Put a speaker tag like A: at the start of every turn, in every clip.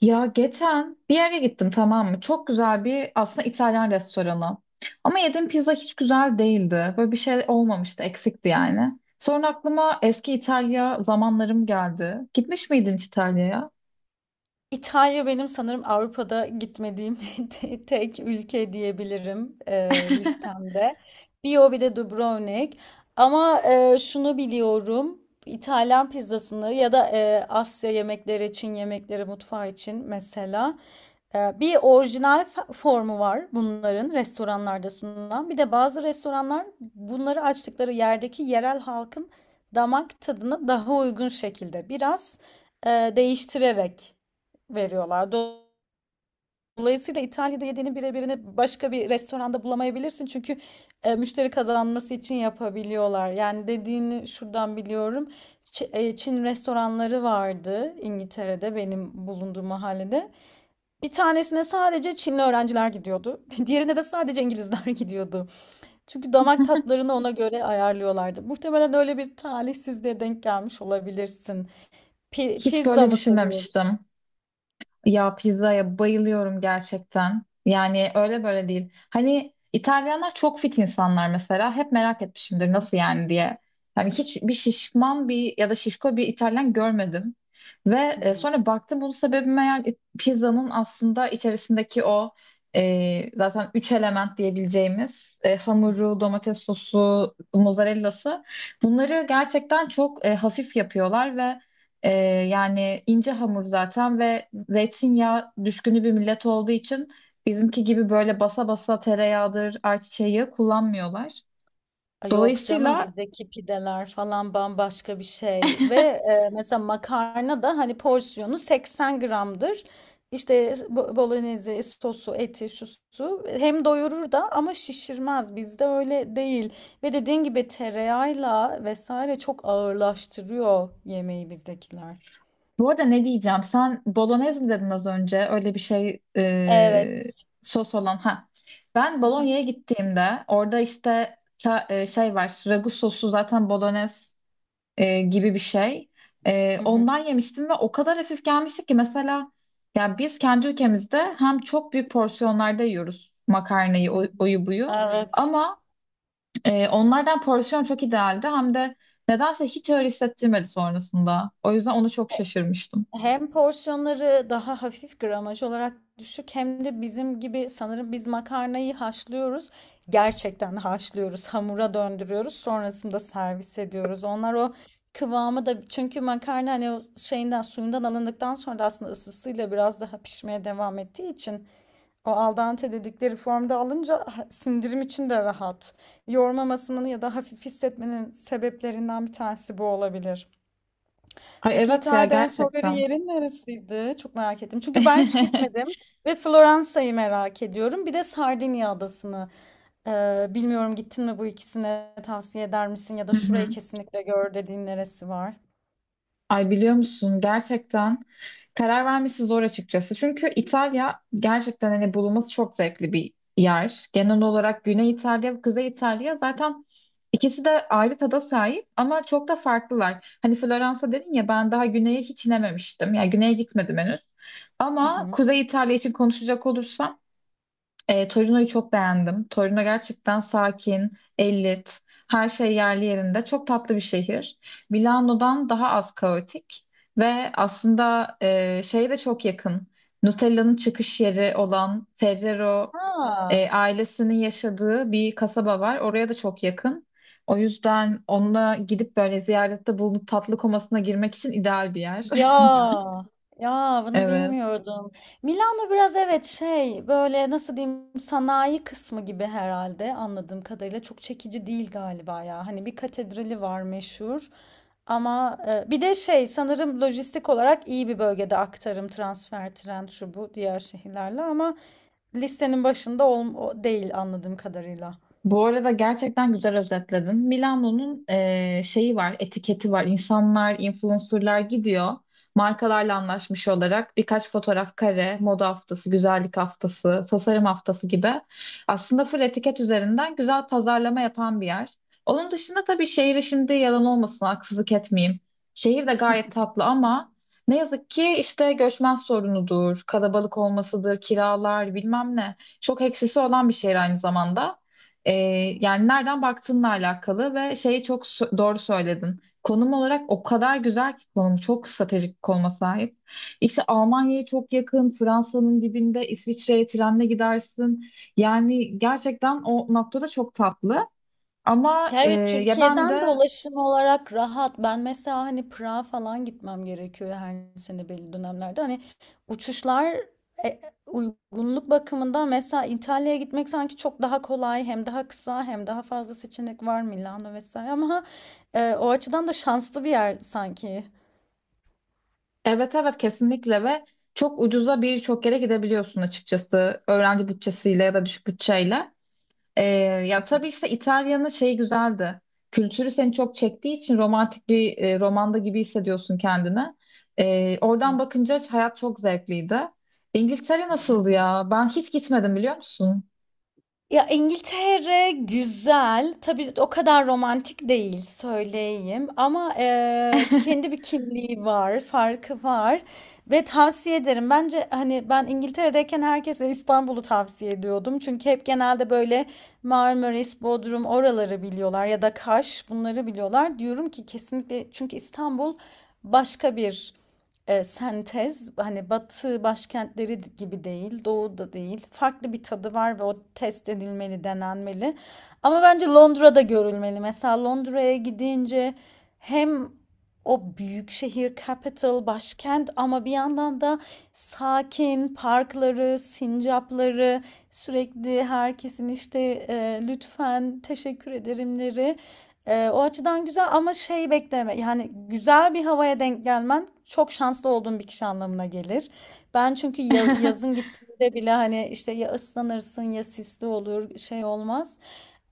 A: Ya geçen bir yere gittim, tamam mı? Çok güzel bir aslında İtalyan restoranı. Ama yediğim pizza hiç güzel değildi. Böyle bir şey olmamıştı, eksikti yani. Sonra aklıma eski İtalya zamanlarım geldi. Gitmiş miydin hiç İtalya'ya?
B: İtalya benim sanırım Avrupa'da gitmediğim tek ülke diyebilirim listemde. Bir o bir de Dubrovnik. Ama şunu biliyorum. İtalyan pizzasını ya da Asya yemekleri, Çin yemekleri mutfağı için mesela bir orijinal formu var bunların restoranlarda sunulan. Bir de bazı restoranlar bunları açtıkları yerdeki yerel halkın damak tadına daha uygun şekilde biraz değiştirerek veriyorlar. Dolayısıyla İtalya'da yediğinin birebirini başka bir restoranda bulamayabilirsin. Çünkü müşteri kazanması için yapabiliyorlar. Yani dediğini şuradan biliyorum. Çin restoranları vardı İngiltere'de benim bulunduğum mahallede. Bir tanesine sadece Çinli öğrenciler gidiyordu. Diğerine de sadece İngilizler gidiyordu. Çünkü damak tatlarını ona göre ayarlıyorlardı. Muhtemelen öyle bir talihsizliğe denk gelmiş olabilirsin.
A: Hiç
B: Pizza
A: böyle
B: mı
A: düşünmemiştim.
B: seviyoruz?
A: Ya pizzaya bayılıyorum gerçekten. Yani öyle böyle değil. Hani İtalyanlar çok fit insanlar mesela. Hep merak etmişimdir nasıl yani diye. Yani hiçbir şişman bir ya da şişko bir İtalyan görmedim. Ve
B: Hı hı.
A: sonra baktım bunun sebebi meğer pizzanın aslında içerisindeki o zaten üç element diyebileceğimiz
B: Hı.
A: hamuru, domates sosu, mozzarellası bunları gerçekten çok hafif yapıyorlar ve ee, yani ince hamur zaten ve zeytinyağı düşkünü bir millet olduğu için bizimki gibi böyle basa basa tereyağıdır, ayçiçeği yağı kullanmıyorlar.
B: Ay, yok canım,
A: Dolayısıyla
B: bizdeki pideler falan bambaşka bir şey ve mesela makarna da hani porsiyonu 80 gramdır. İşte bolognese, sosu, eti, şu su hem doyurur da ama şişirmez. Bizde öyle değil. Ve dediğin gibi tereyağıyla vesaire çok ağırlaştırıyor yemeği bizdekiler.
A: bu arada, ne diyeceğim? Sen bolognese mi dedin az önce? Öyle bir şey,
B: Evet.
A: sos olan. Ha. Ben Bologna'ya gittiğimde orada işte şey var. Ragu sosu zaten bolognese gibi bir şey.
B: Hı hı,
A: Ondan yemiştim ve o kadar hafif gelmişti ki mesela, yani biz kendi ülkemizde hem çok büyük porsiyonlarda yiyoruz makarnayı,
B: hı hı.
A: oyu buyu,
B: Evet.
A: ama onlardan porsiyon çok idealdi, hem de nedense hiç öyle hissettirmedi sonrasında. O yüzden ona çok şaşırmıştım.
B: Hem porsiyonları daha hafif gramaj olarak düşük hem de bizim gibi sanırım biz makarnayı haşlıyoruz. Gerçekten haşlıyoruz, hamura döndürüyoruz, sonrasında servis ediyoruz. Onlar o kıvamı da, çünkü makarna hani o şeyinden, suyundan alındıktan sonra da aslında ısısıyla biraz daha pişmeye devam ettiği için, o al dente dedikleri formda alınca sindirim için de rahat. Yormamasının ya da hafif hissetmenin sebeplerinden bir tanesi bu olabilir.
A: Ay
B: Peki
A: evet ya,
B: İtalya'da en favori
A: gerçekten.
B: yerin neresiydi? Çok merak ettim. Çünkü ben hiç gitmedim ve Floransa'yı merak ediyorum. Bir de Sardinya adasını. Bilmiyorum, gittin mi bu ikisine, tavsiye eder misin? Ya da
A: Hı
B: şurayı
A: hı.
B: kesinlikle gör dediğin neresi var?
A: Ay biliyor musun, gerçekten karar vermesi zor açıkçası. Çünkü İtalya gerçekten hani bulunması çok zevkli bir yer. Genel olarak Güney İtalya ve Kuzey İtalya zaten ikisi de ayrı tada sahip ama çok da farklılar. Hani Floransa dedin ya, ben daha güneye hiç inememiştim. Yani güneye gitmedim henüz.
B: Hı
A: Ama
B: hı.
A: Kuzey İtalya için konuşacak olursam, Torino'yu çok beğendim. Torino gerçekten sakin, her şey yerli yerinde. Çok tatlı bir şehir. Milano'dan daha az kaotik ve aslında şeye de çok yakın. Nutella'nın çıkış yeri olan Ferrero
B: Ha.
A: ailesinin yaşadığı bir kasaba var. Oraya da çok yakın. O yüzden onunla gidip böyle ziyarette bulunup tatlı komasına girmek için ideal bir yer.
B: Ya. Ya, bunu
A: Evet.
B: bilmiyordum. Milano biraz, evet, şey, böyle nasıl diyeyim, sanayi kısmı gibi herhalde anladığım kadarıyla çok çekici değil galiba ya. Hani bir katedrali var meşhur, ama bir de şey, sanırım lojistik olarak iyi bir bölgede, aktarım, transfer, tren, şu bu, diğer şehirlerle, ama listenin başında değil anladığım kadarıyla.
A: Bu arada gerçekten güzel özetledin. Milano'nun şeyi var, etiketi var. İnsanlar, influencerlar gidiyor. Markalarla anlaşmış olarak birkaç fotoğraf kare, moda haftası, güzellik haftası, tasarım haftası gibi aslında full etiket üzerinden güzel pazarlama yapan bir yer. Onun dışında tabii şehri, şimdi yalan olmasın, haksızlık etmeyeyim. Şehir de gayet tatlı ama ne yazık ki işte göçmen sorunudur, kalabalık olmasıdır, kiralar bilmem ne. Çok eksisi olan bir şehir aynı zamanda. Ee, Yani nereden baktığınla alakalı ve şeyi çok doğru söyledin. Konum olarak o kadar güzel ki, konum çok stratejik bir konuma sahip. İşte Almanya'ya çok yakın, Fransa'nın dibinde, İsviçre'ye trenle gidersin. Yani gerçekten o noktada çok tatlı. Ama
B: Ya, evet,
A: ya ben
B: Türkiye'den de
A: de
B: ulaşım olarak rahat. Ben mesela hani Prag'a falan gitmem gerekiyor her sene belli dönemlerde. Hani uçuşlar e, uygunluk bakımından, mesela İtalya'ya gitmek sanki çok daha kolay, hem daha kısa hem daha fazla seçenek var, Milano vesaire, ama o açıdan da şanslı bir yer sanki.
A: evet, evet, kesinlikle. Ve çok ucuza birçok yere gidebiliyorsun açıkçası, öğrenci bütçesiyle ya da düşük bütçeyle. Ee, Ya tabii, işte İtalya'nın şeyi güzeldi. Kültürü seni çok çektiği için romantik bir romanda gibi hissediyorsun kendini. Oradan bakınca hayat çok zevkliydi. İngiltere nasıldı ya? Ben hiç gitmedim, biliyor musun?
B: Ya, İngiltere güzel. Tabii o kadar romantik değil, söyleyeyim. Ama kendi bir kimliği var, farkı var. Ve tavsiye ederim. Bence hani ben İngiltere'deyken herkese İstanbul'u tavsiye ediyordum. Çünkü hep genelde böyle Marmaris, Bodrum, oraları biliyorlar ya da Kaş, bunları biliyorlar. Diyorum ki kesinlikle, çünkü İstanbul başka bir sentez, hani batı başkentleri gibi değil, doğu da değil. Farklı bir tadı var ve o test edilmeli, denenmeli. Ama bence Londra'da görülmeli. Mesela Londra'ya gidince hem o büyük şehir, capital, başkent, ama bir yandan da sakin parkları, sincapları, sürekli herkesin işte e, lütfen, teşekkür ederimleri, o açıdan güzel, ama şey bekleme, yani güzel bir havaya denk gelmen çok şanslı olduğun bir kişi anlamına gelir. Ben çünkü yazın gittiğimde bile hani işte ya ıslanırsın ya sisli olur, şey olmaz.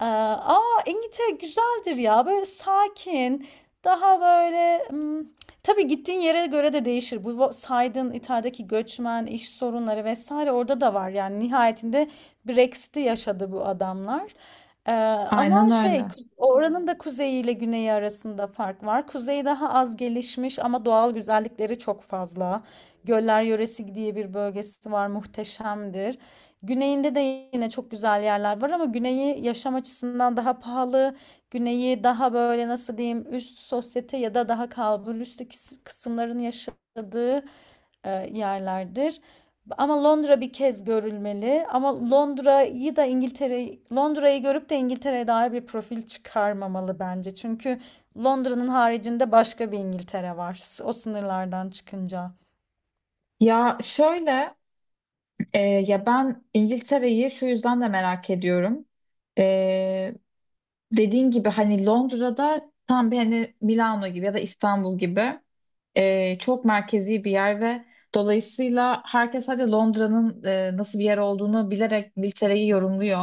B: Ama İngiltere güzeldir ya, böyle sakin, daha böyle, tabii gittiğin yere göre de değişir. Bu saydığın İtalya'daki göçmen, iş sorunları vesaire orada da var yani, nihayetinde Brexit'i yaşadı bu adamlar. Ee, Ama
A: Aynen
B: şey,
A: öyle.
B: oranın da kuzeyi ile güneyi arasında fark var. Kuzey daha az gelişmiş ama doğal güzellikleri çok fazla. Göller yöresi diye bir bölgesi var, muhteşemdir. Güneyinde de yine çok güzel yerler var ama güneyi yaşam açısından daha pahalı. Güneyi daha böyle nasıl diyeyim, üst sosyete ya da daha kalbur üstü kısımların yaşadığı yerlerdir. Ama Londra bir kez görülmeli. Ama Londra'yı da, İngiltere, Londra'yı görüp de İngiltere'ye dair bir profil çıkarmamalı bence. Çünkü Londra'nın haricinde başka bir İngiltere var. O sınırlardan çıkınca.
A: Ya şöyle, ya ben İngiltere'yi şu yüzden de merak ediyorum. E, Dediğin gibi hani Londra'da tam bir hani Milano gibi ya da İstanbul gibi, çok merkezi bir yer ve dolayısıyla herkes sadece Londra'nın nasıl bir yer olduğunu bilerek İngiltere'yi yorumluyor.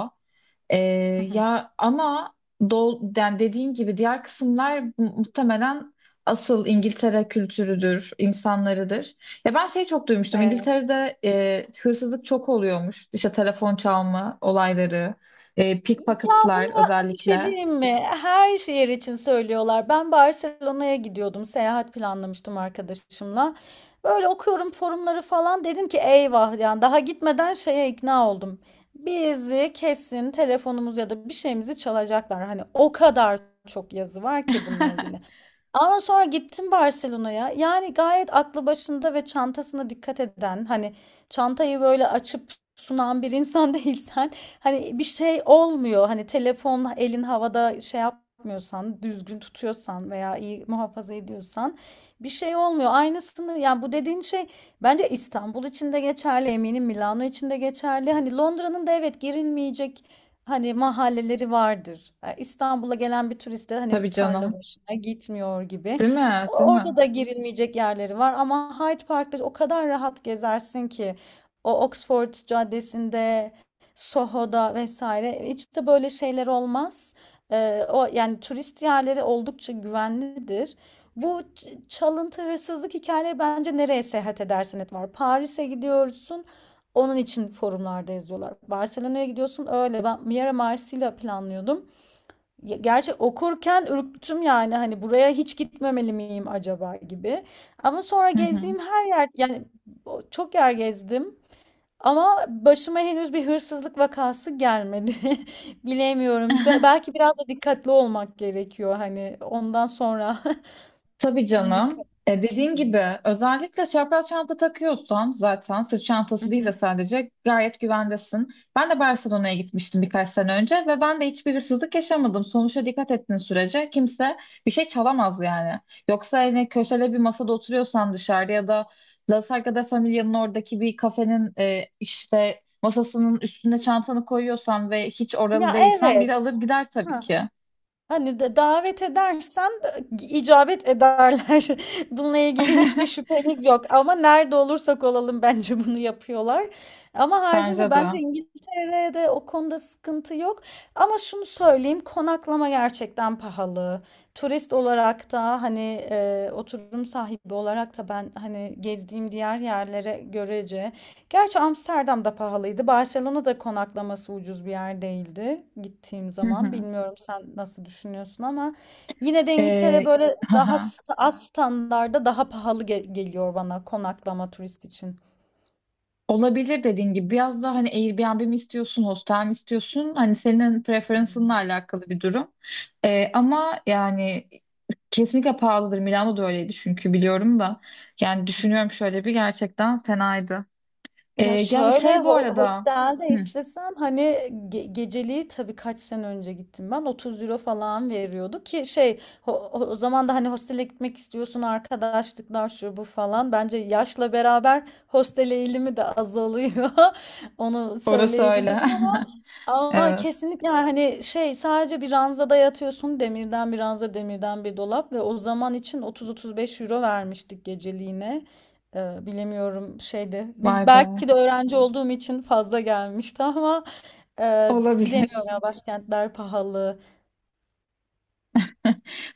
A: E,
B: Hı hı.
A: Ya ama yani dediğin gibi diğer kısımlar muhtemelen asıl İngiltere kültürüdür, insanlarıdır. Ya ben şey çok duymuştum.
B: Evet.
A: İngiltere'de hırsızlık çok oluyormuş. İşte telefon çalma olayları,
B: Ya bunu,
A: pickpocketlar
B: bir şey
A: özellikle.
B: diyeyim mi? Her şehir için söylüyorlar. Ben Barcelona'ya gidiyordum. Seyahat planlamıştım arkadaşımla. Böyle okuyorum forumları falan. Dedim ki eyvah, yani daha gitmeden şeye ikna oldum. Bizi kesin telefonumuz ya da bir şeyimizi çalacaklar. Hani o kadar çok yazı var ki bununla ilgili. Ama sonra gittim Barcelona'ya. Yani gayet aklı başında ve çantasına dikkat eden, hani çantayı böyle açıp sunan bir insan değilsen, hani bir şey olmuyor. Hani telefon elin havada şey yapmıyorsan, düzgün tutuyorsan veya iyi muhafaza ediyorsan, bir şey olmuyor. Aynısını, yani bu dediğin şey bence İstanbul için de geçerli, eminim Milano için de geçerli. Hani Londra'nın da, evet, girilmeyecek hani mahalleleri vardır. İstanbul'a gelen bir turist de hani
A: Tabii
B: tarla
A: canım.
B: başına gitmiyor gibi.
A: Değil mi? Değil
B: Orada
A: mi?
B: da girilmeyecek yerleri var, ama Hyde Park'ta o kadar rahat gezersin ki, o Oxford Caddesi'nde, Soho'da vesaire hiç de böyle şeyler olmaz. O yani turist yerleri oldukça güvenlidir. Bu çalıntı, hırsızlık hikayeleri bence nereye seyahat edersen et var. Paris'e gidiyorsun. Onun için forumlarda yazıyorlar. Barcelona'ya gidiyorsun öyle. Ben Miera, Marsilya planlıyordum. Gerçi okurken ürktüm yani, hani buraya hiç gitmemeli miyim acaba gibi. Ama sonra
A: Hı hı.
B: gezdiğim her yer, yani çok yer gezdim. Ama başıma henüz bir hırsızlık vakası gelmedi. Bilemiyorum. Belki biraz da dikkatli olmak gerekiyor hani, ondan sonra
A: Tabii canım.
B: dikkat.
A: E, dediğin gibi özellikle çapraz çanta takıyorsan, zaten sırt
B: Hı
A: çantası değil de,
B: hı.
A: sadece gayet güvendesin. Ben de Barcelona'ya gitmiştim birkaç sene önce ve ben de hiçbir hırsızlık yaşamadım. Sonuçta dikkat ettiğin sürece kimse bir şey çalamaz yani. Yoksa hani köşede bir masada oturuyorsan dışarıda ya da La Sagrada Familia'nın oradaki bir kafenin işte masasının üstüne çantanı koyuyorsan ve hiç oralı
B: Ya,
A: değilsen, biri alır
B: evet.
A: gider tabii ki.
B: Hani de davet edersen, icabet ederler. Bununla ilgili hiçbir şüphemiz yok ama nerede olursak olalım bence bunu yapıyorlar. Ama
A: Bence
B: haricinde
A: de.
B: bence İngiltere'de o konuda sıkıntı yok. Ama şunu söyleyeyim, konaklama gerçekten pahalı. Turist olarak da hani, oturum sahibi olarak da, ben hani gezdiğim diğer yerlere görece, gerçi Amsterdam da pahalıydı. Barcelona'da konaklaması ucuz bir yer değildi gittiğim
A: Hı
B: zaman.
A: hı.
B: Bilmiyorum sen nasıl düşünüyorsun ama, yine de İngiltere
A: Ee,
B: böyle
A: hı
B: daha
A: hı.
B: az standarda daha pahalı geliyor bana, konaklama turist için.
A: Olabilir, dediğin gibi. Biraz daha hani Airbnb mi istiyorsun, hostel mi istiyorsun? Hani senin preferansınla
B: Hmm.
A: alakalı bir durum. Ama yani kesinlikle pahalıdır. Milano da öyleydi, çünkü biliyorum da. Yani düşünüyorum, şöyle bir gerçekten fenaydı. Ee,
B: Ya
A: Ya bir
B: şöyle,
A: şey bu arada.
B: hostelde
A: Hı,
B: istesen hani geceliği, tabii kaç sene önce gittim ben, 30 euro falan veriyordu ki, şey, o zaman da hani hostele gitmek istiyorsun, arkadaşlıklar şu bu falan, bence yaşla beraber hostel eğilimi de azalıyor, onu
A: orası öyle.
B: söyleyebilirim ama,
A: Evet.
B: kesinlikle yani, hani şey, sadece bir ranzada yatıyorsun, demirden bir ranza, demirden bir dolap, ve o zaman için 30-35 euro vermiştik geceliğine. Bilemiyorum şeyde,
A: Vay be.
B: Belki de öğrenci olduğum için fazla gelmişti ama, e, bilemiyorum
A: Olabilir.
B: ya, başkentler pahalı.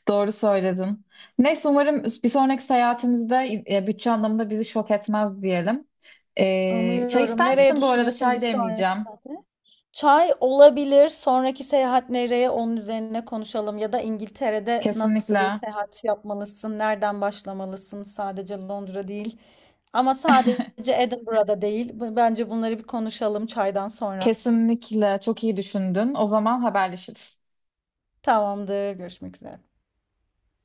A: Doğru söyledin. Neyse, umarım bir sonraki seyahatimizde bütçe anlamında bizi şok etmez diyelim. Çay
B: Umuyorum.
A: ister
B: Nereye
A: misin bu arada?
B: düşünüyorsun bir
A: Çay
B: sonraki
A: demleyeceğim.
B: seyahate? Çay olabilir. Sonraki seyahat nereye? Onun üzerine konuşalım. Ya da İngiltere'de nasıl bir
A: Kesinlikle.
B: seyahat yapmalısın? Nereden başlamalısın? Sadece Londra değil. Ama sadece Edinburgh'da değil. Bence bunları bir konuşalım çaydan sonra.
A: Kesinlikle. Çok iyi düşündün. O zaman haberleşiriz.
B: Tamamdır. Görüşmek üzere.